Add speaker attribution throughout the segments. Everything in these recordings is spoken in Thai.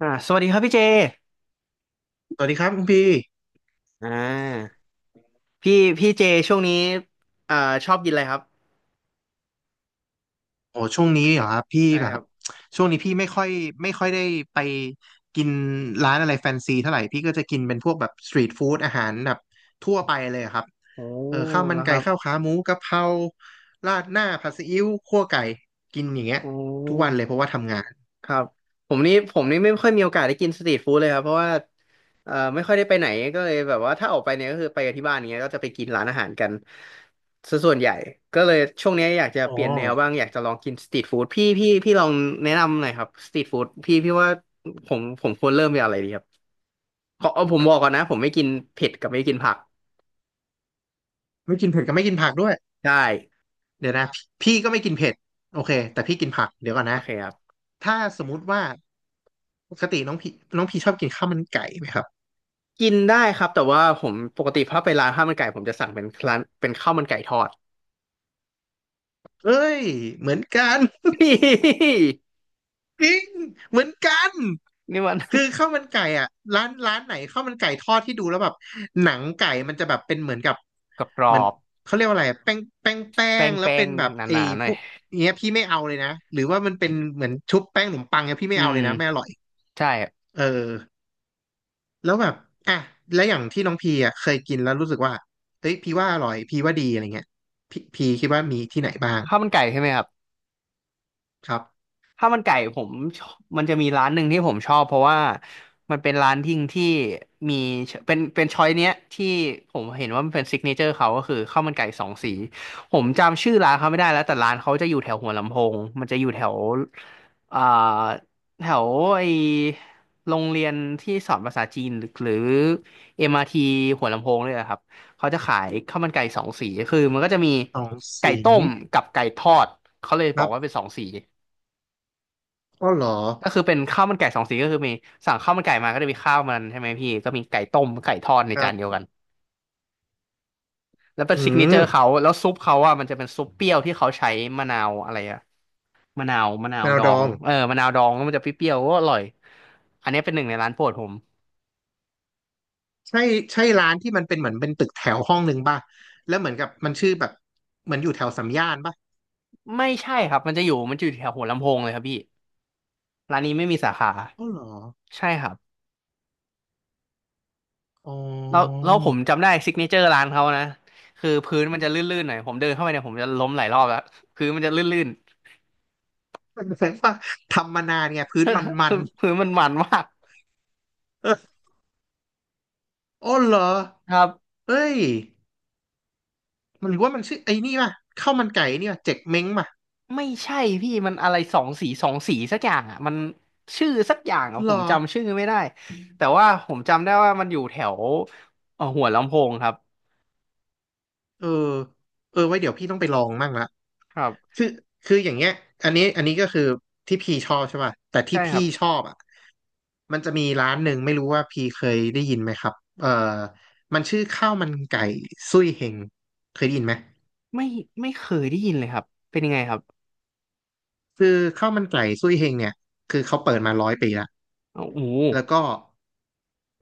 Speaker 1: สวัสดีครับพี่เจ
Speaker 2: สวัสดีครับคุณพี่
Speaker 1: อ่าพี่เจช่วงนี้อ่าชอบกินอะไรครับ
Speaker 2: โอ้ช่วงนี้เหรอครับพี่
Speaker 1: ใช่
Speaker 2: แบ
Speaker 1: ครั
Speaker 2: บ
Speaker 1: บ
Speaker 2: ช่วงนี้พี่ไม่ค่อยไม่ค่อยได้ไปกินร้านอะไรแฟนซีเท่าไหร่พี่ก็จะกินเป็นพวกแบบสตรีทฟู้ดอาหารแบบทั่วไปเลยครับ
Speaker 1: โอ้
Speaker 2: เออข้าวมัน
Speaker 1: แล้วค
Speaker 2: ไก่
Speaker 1: รับ
Speaker 2: ข้าวขาหมูกะเพราราดหน้าผัดซีอิ๊วคั่วไก่กินอย่างเงี้ย
Speaker 1: โอ้
Speaker 2: ทุกวันเลยเพราะว่าทำงาน
Speaker 1: ครับผมนี่ไม่ค่อยมีโอกาสได้กินสตรีทฟู้ดเลยครับเพราะว่าไม่ค่อยได้ไปไหนก็เลยแบบว่าถ้าออกไปเนี่ยก็คือไปกับที่บ้านอย่างเงี้ยก็จะไปกินร้านอาหารกันซะส่วนใหญ่ก็เลยช่วงนี้อยากจะ
Speaker 2: อ๋อ
Speaker 1: เปลี่ยนแนวบ้างอยากจะลองกินสตรีทฟู้ดพี่ลองแนะนำหน่อยครับสตรีทฟู้ดพี่ว่าผมควรเริ่มจากอะไรดีครับขอเอาผมบอกก่อนนะผมไม่กินเผ็ดกับไม่กินผัก
Speaker 2: ไม่กินเผ็ดก็ไม่กินผักด้วย
Speaker 1: ได้
Speaker 2: เดี๋ยวนะพี่ก็ไม่กินเผ็ดโอเคแต่พี่กินผักเดี๋ยวก่อน
Speaker 1: โอ
Speaker 2: นะ
Speaker 1: เคครับ
Speaker 2: ถ้าสมมุติว่าปกติน้องพี่น้องพี่ชอบกินข้าวมันไก่ไหมครับ
Speaker 1: กินได้ครับแต่ว่าผมปกติถ้าไปร้านข้าวมันไก่ผมจะสั่งเป็นร้านเป็นข้าวมันไก่ทอด
Speaker 2: เอ้ยเหมือนกัน จริงเหมือนกัน
Speaker 1: นี่มัน
Speaker 2: คือข้าวมันไก่อ่ะร้านไหนข้าวมันไก่ทอดที่ดูแล้วแบบหนังไก่มันจะแบบเป็นเหมือนกับ
Speaker 1: กร
Speaker 2: เหมื
Speaker 1: อ
Speaker 2: อน
Speaker 1: บ
Speaker 2: เขาเรียกว่าอะไรอะแป้งแป้งแป้
Speaker 1: ๆแป
Speaker 2: งแล้ว
Speaker 1: ้
Speaker 2: เป็
Speaker 1: ง
Speaker 2: นแบบ
Speaker 1: ๆห
Speaker 2: ไอ้
Speaker 1: นาๆหน่
Speaker 2: พ
Speaker 1: อย
Speaker 2: วกเนี้ยพี่ไม่เอาเลยนะหรือว่ามันเป็นเหมือนชุบแป้งขนมปังเนี้ยพี่
Speaker 1: อื
Speaker 2: ไม่เอา
Speaker 1: ม
Speaker 2: เลยนะไม่อร่อย
Speaker 1: ใช่
Speaker 2: เออแล้วแบบอ่ะแล้วอย่างที่น้องพีอ่ะเคยกินแล้วรู้สึกว่าเอ้ยพี่ว่าอร่อยพี่ว่าดีอะไรเงี้ยพี่พีคิดว่ามีที่ไหนบ้าง
Speaker 1: ข้าวมันไก่ใช่ไหมครับ
Speaker 2: ครับ
Speaker 1: ข้าวมันไก่ผมชอบมันจะมีร้านหนึ่งที่ผมชอบเพราะว่ามันเป็นร้านทิ้งที่มีเป็นช้อยเนี้ยที่ผมเห็นว่ามันเป็นซิกเนเจอร์เขาก็คือข้าวมันไก่สองสีผมจำชื่อร้านเขาไม่ได้แล้วแต่ร้านเขาจะอยู่แถวหัวลำโพงมันจะอยู่แถวอ่าแถวไอโรงเรียนที่สอนภาษาจีนหรือ MRT หัวลำโพงเลยอะครับเขาจะขายข้าวมันไก่สองสีคือมันก็จะมี
Speaker 2: สอง
Speaker 1: ไก่
Speaker 2: สี
Speaker 1: ต้มกับไก่ทอดเขาเลย
Speaker 2: ค
Speaker 1: บอ
Speaker 2: รั
Speaker 1: กว่าเป็
Speaker 2: บ
Speaker 1: นสองสี
Speaker 2: กอเหรอ
Speaker 1: ก็คือเป็นข้าวมันไก่สองสีก็คือมีสั่งข้าวมันไก่มาก็จะมีข้าวมันใช่ไหมพี่ก็มีไก่ต้มไก่ทอดใน
Speaker 2: ครั
Speaker 1: จานเดีย
Speaker 2: บ
Speaker 1: วกันแล้วเป็น
Speaker 2: อื
Speaker 1: ซิกเนเจ
Speaker 2: ม
Speaker 1: อร์เขาแล้วซุปเขาอ่ะมันจะเป็นซุปเปรี้ยวที่เขาใช้มะนาวอะไรอะมะนาวมะนา
Speaker 2: แม
Speaker 1: ว
Speaker 2: นาว
Speaker 1: ดอ
Speaker 2: ดอ
Speaker 1: ง
Speaker 2: ง
Speaker 1: เออมะนาวดองแล้วมันจะเปรี้ยวๆก็อร่อยอันนี้เป็นหนึ่งในร้านโปรดผม
Speaker 2: ใช่ใช่ร้านที่มันเป็นเหมือนเป็นตึกแถวห้องหนึ่งป่ะแล้วเหมือนกับมันชื่อแบบเหมือนอยู่แถวสามย่านป่ะ
Speaker 1: ไม่ใช่ครับมันจะอยู่แถวหัวลำโพงเลยครับพี่ร้านนี้ไม่มีสาขา
Speaker 2: อ๋อเหรอ
Speaker 1: ใช่ครับ
Speaker 2: อ๋
Speaker 1: แล้ว
Speaker 2: อ
Speaker 1: แล้วผมจำได้ซิกเนเจอร์ร้านเขานะคือพื้นมันจะลื่นๆหน่อยผมเดินเข้าไปเนี่ยผมจะล้มหลายรอบแล้วพื้นมันจะลื่น
Speaker 2: มันแสดงว่าทำมานานไงพื้นมัน
Speaker 1: ๆ
Speaker 2: มัน
Speaker 1: คือมันมาก
Speaker 2: เอออ๋อเหรอ
Speaker 1: ครับ
Speaker 2: เอ้ยมันหรือว่ามันชื่อไอ้นี่ป่ะข้าวมันไก่นี่ป่ะเจ๊กเม้งป่ะ
Speaker 1: ไม่ใช่พี่มันอะไรสองสีสองสีสักอย่างอ่ะมันชื่อสักอย่างอ่ะ
Speaker 2: เห
Speaker 1: ผ
Speaker 2: ร
Speaker 1: ม
Speaker 2: อ
Speaker 1: จำชื่อไม่ได้แต่ว่าผมจำได้ว่ามันอยู่แถวหัวลำโพงครับ
Speaker 2: เออเออไว้เดี๋ยวพี่ต้องไปลองมั่งละ
Speaker 1: ครับ
Speaker 2: คือคืออย่างเงี้ยอันนี้ก็คือที่พี่ชอบใช่ป่ะแต่ที่
Speaker 1: ใช่ค
Speaker 2: พี่
Speaker 1: รับ
Speaker 2: ชอบอ่ะมันจะมีร้านหนึ่งไม่รู้ว่าพี่เคยได้ยินไหมครับเอ่อมันชื่อข้าวมันไก่ซุยเฮงเคยได้ยินไหม
Speaker 1: ไม่ไม่เคยได้ยินเลยครับเป็นยังไงครับ
Speaker 2: คือข้าวมันไก่ซุยเฮงเนี่ยคือเขาเปิดมาร้อยปีละ
Speaker 1: อ้าวโอ้โห
Speaker 2: แล้วก็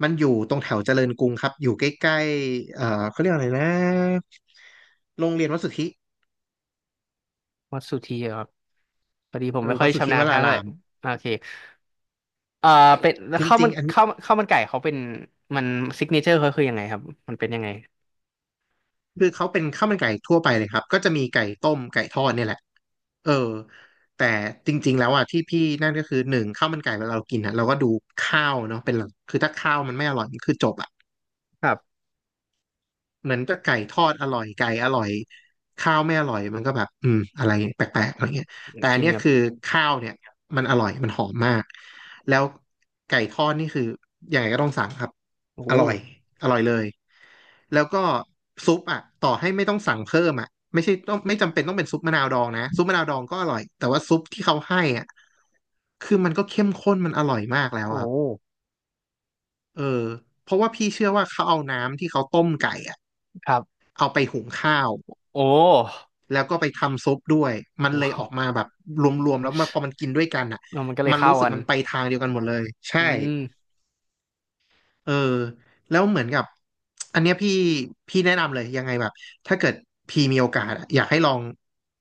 Speaker 2: มันอยู่ตรงแถวเจริญกรุงครับอยู่ใกล้ๆเขาเรียกอะไรนะโรงเรียนวัดสุทธิ
Speaker 1: วัดสุธีเหรอครับพอดีผ
Speaker 2: เอ
Speaker 1: มไม่
Speaker 2: อ
Speaker 1: ค่อ
Speaker 2: วัด
Speaker 1: ย
Speaker 2: สุท
Speaker 1: ชำ
Speaker 2: ธิ
Speaker 1: นา
Speaker 2: ว
Speaker 1: ญทา
Speaker 2: รา
Speaker 1: งเล
Speaker 2: รา
Speaker 1: ย
Speaker 2: ม
Speaker 1: โอเคเอ่อเป็น
Speaker 2: จริงๆอัน
Speaker 1: ข้าวมันไก่เขาเป็นมันซิกเนเจอร์เขาคือยังไงครับมันเป็นยังไง
Speaker 2: คือเขาเป็นข้าวมันไก่ทั่วไปเลยครับ ก็จะมีไก่ต้มไก่ทอดเนี่ยแหละเออแต่จริงๆแล้วอ่ะที่พี่นั่นก็คือหนึ่งข้าวมันไก่เวลาเรากินอ่ะเราก็ดูข้าวเนาะเป็นหลักคือถ้าข้าวมันไม่อร่อยมันคือจบอ่ะ
Speaker 1: ครับ
Speaker 2: เหมือนกับไก่ทอดอร่อยไก่อร่อยข้าวไม่อร่อยมันก็แบบอืมอะไรแปลกๆอะไรเงี้ยแต่
Speaker 1: จ
Speaker 2: อัน
Speaker 1: ริง
Speaker 2: เนี้ย
Speaker 1: ครับ
Speaker 2: คือข้าวเนี่ยมันอร่อยมันหอมมากแล้วไก่ทอดนี่คือยังไงก็ต้องสั่งครับ
Speaker 1: โอ้โห
Speaker 2: อร่อยอร่อยเลย แล้วก็ซุปอ่ะต่อให้ไม่ต้องสั่งเพิ่มอ่ะไม่ใช่ต้องไม่จำเป็นต้องเป็นซุปมะนาวดองนะซุปมะนาวดองก็อร่อยแต่ว่าซุปที่เขาให้อ่ะคือมันก็เข้มข้นมันอร่อยมากแล้วอะ
Speaker 1: โอ้
Speaker 2: ครับ
Speaker 1: โห
Speaker 2: เออเพราะว่าพี่เชื่อว่าเขาเอาน้ำที่เขาต้มไก่อะ
Speaker 1: ครับ
Speaker 2: เอาไปหุงข้าว
Speaker 1: โอ้
Speaker 2: แล้วก็ไปทำซุปด้วยมันเลยออกมา
Speaker 1: โห
Speaker 2: แบบรวมๆแล้วมันพอมันกินด้วยกันอะ
Speaker 1: เออมันก็เลย
Speaker 2: มัน
Speaker 1: เข้า
Speaker 2: รู้สึก
Speaker 1: กัน
Speaker 2: มันไปทางเดียวกันหมดเลยใช่
Speaker 1: อืม
Speaker 2: เออแล้วเหมือนกับอันเนี้ยพี่แนะนำเลยยังไงแบบถ้าเกิดพี่มีโอกาสอะอยากให้ลอง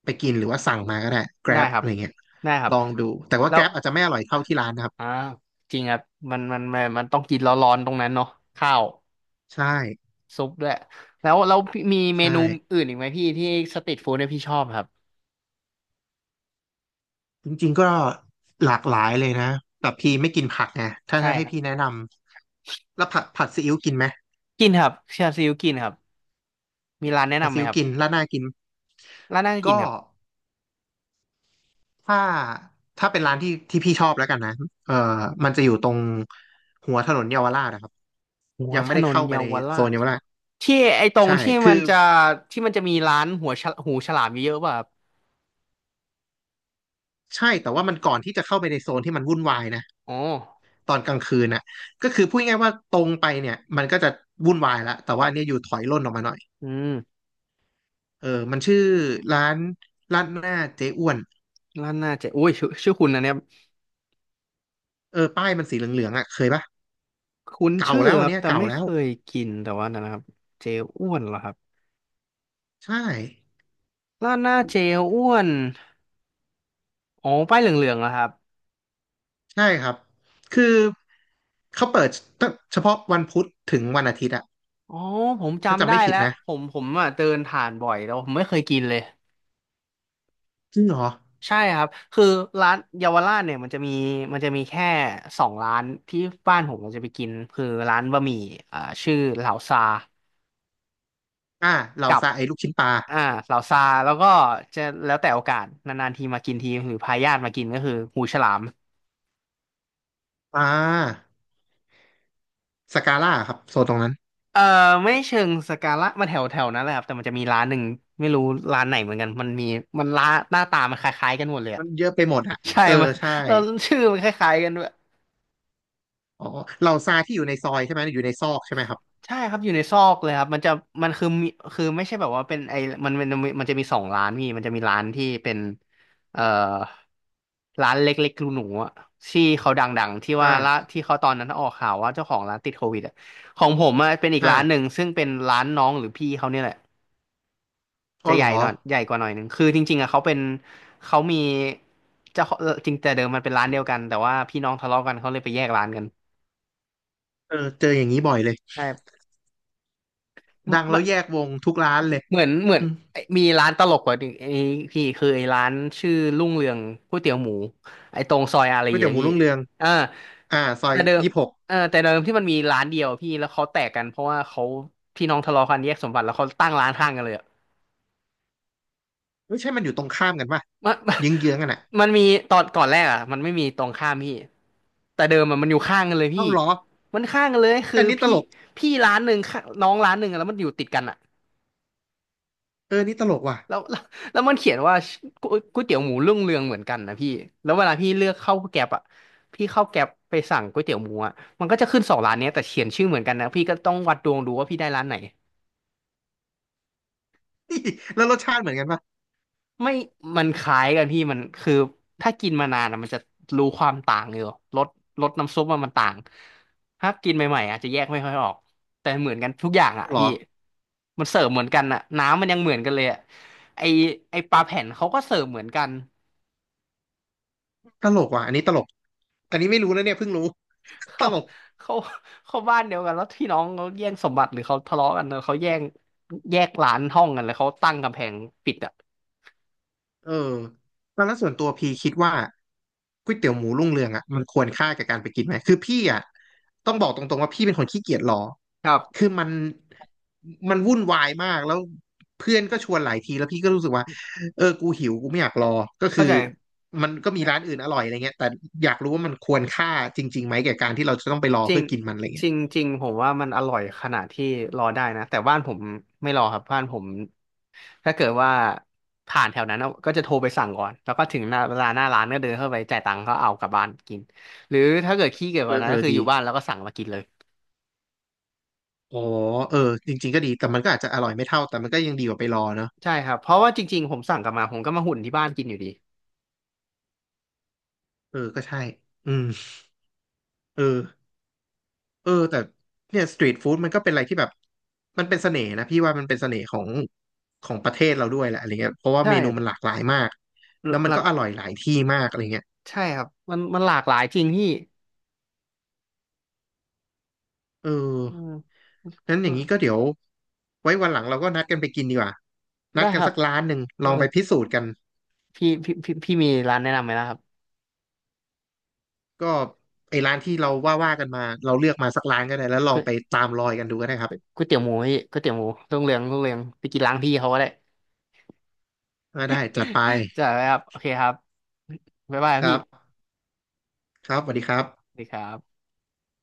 Speaker 2: ไปกินหรือว่าสั่งมาก็ได้
Speaker 1: ได้
Speaker 2: Grab
Speaker 1: ครั
Speaker 2: อะ
Speaker 1: บ
Speaker 2: ไรเงี้ย
Speaker 1: ได้ครั
Speaker 2: ล
Speaker 1: บ
Speaker 2: องดูแต่ว่า
Speaker 1: แล้ว
Speaker 2: Grab อาจจะไม่อร่อยเท่าที่ร้านนะครับ
Speaker 1: อ่าจริงครับมันต้องกินร้อนๆตรงนั้นเนาะข้าว
Speaker 2: ใช่
Speaker 1: ซุปด้วยแล้วพี่มีเม
Speaker 2: ใช่
Speaker 1: นูอื่นอีกไหมพี่ที่สตรีทฟู้ดเนี่ยพี่ชอบครับ
Speaker 2: จริงๆก็หลากหลายเลยนะแต่พี่ไม่กินผักไงถ้า
Speaker 1: ใช่
Speaker 2: จะให้
Speaker 1: ครับ
Speaker 2: พี่แนะนำแล้วผัดซีอิ๊วกินไหม
Speaker 1: กินครับชาซิวกินครับมีร้านแนะ
Speaker 2: ผัด
Speaker 1: นำไหม
Speaker 2: ซีอิ๊ว
Speaker 1: ครับ
Speaker 2: กินราดหน้ากิน
Speaker 1: ร้านน่าจะกิน
Speaker 2: ก็
Speaker 1: ครับ
Speaker 2: ถ้าเป็นร้านที่พี่ชอบแล้วกันนะเออมันจะอยู่ตรงหัวถนนเยาวราชนะครับ
Speaker 1: หัว
Speaker 2: ยัง
Speaker 1: ถ
Speaker 2: ไม่ได้
Speaker 1: นน
Speaker 2: เข้าไป
Speaker 1: เยา
Speaker 2: ใน
Speaker 1: วรา
Speaker 2: โซน
Speaker 1: ช
Speaker 2: เยาวราช
Speaker 1: ที่ไอ้ตรง
Speaker 2: ใช่
Speaker 1: ที่
Speaker 2: คื
Speaker 1: มั
Speaker 2: อ
Speaker 1: นจะที่มันจะมีร้านหัวฉลหูฉลามเยอะๆป่ะครับ
Speaker 2: ใช่แต่ว่ามันก่อนที่จะเข้าไปในโซนที่มันวุ่นวายนะ
Speaker 1: อ๋อ
Speaker 2: ตอนกลางคืนน่ะก็คือพูดง่ายๆว่าตรงไปเนี่ยมันก็จะวุ่นวายละแต่ว่าเนี่ยอยู่ถอยร่นออกมาหน่อย
Speaker 1: อืม
Speaker 2: เออมันชื่อร้านร้านหน้าเจ๊อ้วน
Speaker 1: ร้านน่าจะอุ้ยชื่อชื่อคุณนะเนี่ย
Speaker 2: เออป้ายมันสีเหลืองๆอ่ะเคยปะ
Speaker 1: คุ้น
Speaker 2: เก่า
Speaker 1: ชื่อ
Speaker 2: แล้ว
Speaker 1: ค
Speaker 2: อัน
Speaker 1: รับ
Speaker 2: เนี้ย
Speaker 1: แต่
Speaker 2: เก่า
Speaker 1: ไม่
Speaker 2: แล้
Speaker 1: เค
Speaker 2: ว
Speaker 1: ยกินแต่ว่านะครับเจลอ้วนเหรอครับ
Speaker 2: ใช่
Speaker 1: ร้านหน้าเจลอ้วนอ๋อป้ายเหลืองๆเหรอครับ
Speaker 2: ใช่ครับคือเขาเปิดตั้งเฉพาะวันพุธถึงวันอาทิตย์อะ
Speaker 1: อ๋อผม
Speaker 2: ถ้า
Speaker 1: จำ
Speaker 2: จำ
Speaker 1: ได้
Speaker 2: ไม่ผิด
Speaker 1: แล้ว
Speaker 2: นะ
Speaker 1: ผมอ่ะเดินผ่านบ่อยแต่ว่าผมไม่เคยกินเลย
Speaker 2: จริงเหรอ
Speaker 1: ใช่ครับคือร้านเยาวราชเนี่ยมันจะมีแค่สองร้านที่บ้านผมมันจะไปกินคือร้านบะหมี่อ่าชื่อเหลาซา
Speaker 2: อ่าเรา
Speaker 1: กับ
Speaker 2: ซาไอ้ลูกชิ้นปลา
Speaker 1: อ่าเหลาซาแล้วก็จะแล้วแต่โอกาสนานๆทีมากินทีหรือพาญาติมากินก็คือหูฉลาม
Speaker 2: อ่าสกาล่าครับโซนตรงนั้น
Speaker 1: เออไม่เชิงสกาละมันแถวแถวนั้นแหละครับแต่มันจะมีร้านหนึ่งไม่รู้ร้านไหนเหมือนกันมันมีมันร้านหน้าตามันคล้ายๆกันหมดเลยอะ
Speaker 2: มันเยอะไปหมดอ่ะ
Speaker 1: ใช่
Speaker 2: เออ
Speaker 1: มัน
Speaker 2: ใช่
Speaker 1: เราชื่อมันคล้ายๆกันด้วย
Speaker 2: อ๋อเราซาที่อยู่ในซอยใช่ไหมอยู่ในซอกใช่ไหมครับ
Speaker 1: ใช่ครับอยู่ในซอกเลยครับมันจะมันคือมีคือไม่ใช่แบบว่าเป็นไอมันจะมีสองร้านพี่มันจะมีร้านที่เป็นเอ่อร้านเล็กๆรูหนูๆอะที่เขาดังๆที่ว่าละ
Speaker 2: อ่า
Speaker 1: ที่เขาตอนนั้นออกข่าวว่าเจ้าของร้านติดโควิดอะของผมอะเป็นอีก
Speaker 2: อ่า
Speaker 1: ร้านหนึ่งซึ่งเป็นร้านน้องหรือพี่เขาเนี่ยแหละ
Speaker 2: อ๋
Speaker 1: จะ
Speaker 2: อ
Speaker 1: ให
Speaker 2: เหร
Speaker 1: ญ่
Speaker 2: อ
Speaker 1: หน่อยใหญ่กว่าหน่อยหนึ่งคือจริงๆอะเขาเป็นเขามีเจ้าของจริงแต่เดิมมันเป็นร้านเดียวกันแต่ว่าพี่น้องทะเลาะกันเขาเลยไปแยกร้านกัน
Speaker 2: เออเจออย่างนี้บ่อยเลย
Speaker 1: ใช่
Speaker 2: ดัง
Speaker 1: มั
Speaker 2: แล้
Speaker 1: น
Speaker 2: วแยกวงทุกร้านเลย
Speaker 1: เหมือน
Speaker 2: อืม
Speaker 1: ไอ้มีร้านตลกกว่าหนึ่งไอ้พี่คือไอ้ร้านชื่อรุ่งเรืองก๋วยเตี๋ยวหมูไอ้ตรงซอยอารี
Speaker 2: ก๋วย
Speaker 1: ย์
Speaker 2: เตี๋ย
Speaker 1: อะ
Speaker 2: วหมู
Speaker 1: พี่
Speaker 2: รุ่งเรือง
Speaker 1: เอ่า
Speaker 2: อ่าซอ
Speaker 1: แต่
Speaker 2: ย
Speaker 1: เดิม
Speaker 2: 26
Speaker 1: เออแต่เดิมที่มันมีร้านเดียวพี่แล้วเขาแตกกันเพราะว่าเขาพี่น้องทะเลาะกันแยกสมบัติแล้วเขาตั้งร้านข้างกันเลยอะ
Speaker 2: ไม่ใช่มันอยู่ตรงข้ามกันป่ะ
Speaker 1: มัน มัน
Speaker 2: เยื้องกันอ่ะ
Speaker 1: มันมีตอนก่อนแรกอ่ะมันไม่มีตรงข้ามพี่แต่เดิมอะมันอยู่ข้างกันเลยพี่
Speaker 2: เอ้าเหรอ
Speaker 1: มันข้างกันเลยคือ
Speaker 2: อันนี้ต
Speaker 1: พี่
Speaker 2: ลก
Speaker 1: พี่ร้านหนึ่งข้างน้องร้านหนึ่งอะแล้วมันอยู่ติดกันอ่ะ
Speaker 2: เออนี่ตลกว่ะ
Speaker 1: แล้วแล้วแล้วมันเขียนว่าก๋วยเตี๋ยวหมูรุ่งเรืองเหมือนกันนะพี่แล้วเวลาพี่เลือกเข้าแกร็ปอ่ะพี่เข้าแกร็บไปสั่งก๋วยเตี๋ยวหมูอ่ะมันก็จะขึ้นสองร้านเนี้ยแต่เขียนชื่อเหมือนกันนะพี่ก็ต้องวัดดวงดูว่าพี่ได้ร้านไหน
Speaker 2: แล้วรสชาติเหมือนกันป่ะ
Speaker 1: ไม่มันคล้ายกันพี่มันคือถ้ากินมานานอะมันจะรู้ความต่างอยู่รสรสน้ำซุปมันต่างถ้ากินใหม่ๆอาจจะแยกไม่ค่อยออกแต่เหมือนกันทุกอย่างอ่ะ
Speaker 2: เหร
Speaker 1: พี่
Speaker 2: อ
Speaker 1: มันเสิร์ฟเหมือนกันอ่ะน้ำมันยังเหมือนกันเลยอ่ะไอไอปลาแผ่นเขาก็เสิร์ฟเหมือนกัน
Speaker 2: ตลกว่ะอันนี้ตลกอันนี้ไม่รู้นะเนี่ยเพิ่งรู้ ต
Speaker 1: เขา
Speaker 2: ลก
Speaker 1: เขาเขาบ้านเดียวกันแล้วพี่น้องเขาแย่งสมบัติหรือเขาทะเลาะกันเนอะเขาแย่งแยกร้านห้องกันแล้วเขาตั้งกำแพงปิดอ่ะ
Speaker 2: เออแล้วส่วนตัวพี่คิดว่าก๋วยเตี๋ยวหมูรุ่งเรืองอ่ะมันควรค่ากับการไปกินไหมคือพี่อ่ะต้องบอกตรงๆว่าพี่เป็นคนขี้เกียจรอ
Speaker 1: ครับ
Speaker 2: คือมันวุ่นวายมากแล้วเพื่อนก็ชวนหลายทีแล้วพี่ก็รู้สึกว่าเออกูหิวกูไม่อยากรอ ก็
Speaker 1: เข้า
Speaker 2: คือ
Speaker 1: ใจ
Speaker 2: มันก็มีร้านอื่นอร่อยอะไรเงี้ยแต่อยากรู้ว่ามันควรค่าจริงๆไหมแก่การที่เราจะต้องไปรอ
Speaker 1: จริ
Speaker 2: เพื่
Speaker 1: ง
Speaker 2: อกินมันอะไร
Speaker 1: จ
Speaker 2: เงี้ย
Speaker 1: ริงจริงผมว่ามันอร่อยขนาดที่รอได้นะแต่บ้านผมไม่รอครับบ้านผมถ้าเกิดว่าผ่านแถวนั้นก็จะโทรไปสั่งก่อนแล้วก็ถึงหน้าเวลาหน้าร้านก็เดินเข้าไปจ่ายตังค์ก็เอากลับบ้านกินหรือถ้าเกิดขี้เกียจก
Speaker 2: เอ
Speaker 1: ว่า
Speaker 2: อ
Speaker 1: นั้
Speaker 2: เอ
Speaker 1: นก็
Speaker 2: อ
Speaker 1: คืออ
Speaker 2: ดี
Speaker 1: ยู่บ้านแล้วก็สั่งมากินเลย
Speaker 2: อ๋อเออจริงๆก็ดีแต่มันก็อาจจะอร่อยไม่เท่าแต่มันก็ยังดีกว่าไปรอเนาะ
Speaker 1: ใช่ครับเพราะว่าจริงๆผมสั่งกลับมาผมก็มาหุ่นที่บ้านกินอยู่ดี
Speaker 2: เออก็ใช่อืมเออ เออแต่เนี่ยสตรีทฟู้ดมันก็เป็นอะไรที่แบบมันเป็นเสน่ห์นะพี่ว่ามันเป็นเสน่ห์ของของประเทศเราด้วยแหละอะไรเงี้ยเพราะว่า
Speaker 1: ใช่
Speaker 2: เมนูมันหลากหลายมากแล้วมั
Speaker 1: ห
Speaker 2: น
Speaker 1: ลั
Speaker 2: ก็
Speaker 1: ก
Speaker 2: อร่อยหลายที่มากอะไรเงี้ย
Speaker 1: ใช่ครับมันหลากหลายจริงพี่
Speaker 2: เออ
Speaker 1: อืม
Speaker 2: นั้นอย่างนี้ก็เดี๋ยวไว้วันหลังเราก็นัดกันไปกินดีกว่านั
Speaker 1: ได้
Speaker 2: ดกั
Speaker 1: ค
Speaker 2: น
Speaker 1: รับ
Speaker 2: สักร้านหนึ่งล
Speaker 1: เออ
Speaker 2: องไปพิสูจน์กัน
Speaker 1: พี่มีร้านแนะนำไหมนะครับ
Speaker 2: ก็ไอ้ร้านที่เราว่าว่ากันมาเราเลือกมาสักร้านก็ได้แล้วลองไปตามรอยกันดูก็ได้ครับ
Speaker 1: ก๋วยเตี๋ยวหมูพี่ก๋วยเตี๋ยวหมูรุ่งเรืองไปกินร้านพี่เขาก็ได้
Speaker 2: อ่าได้จัดไป
Speaker 1: จ้ะครับโอเคครับบ๊ายบายครั
Speaker 2: ค
Speaker 1: บ
Speaker 2: รั
Speaker 1: พี่
Speaker 2: บครับสวัสดีครับ
Speaker 1: สวัสดีครับ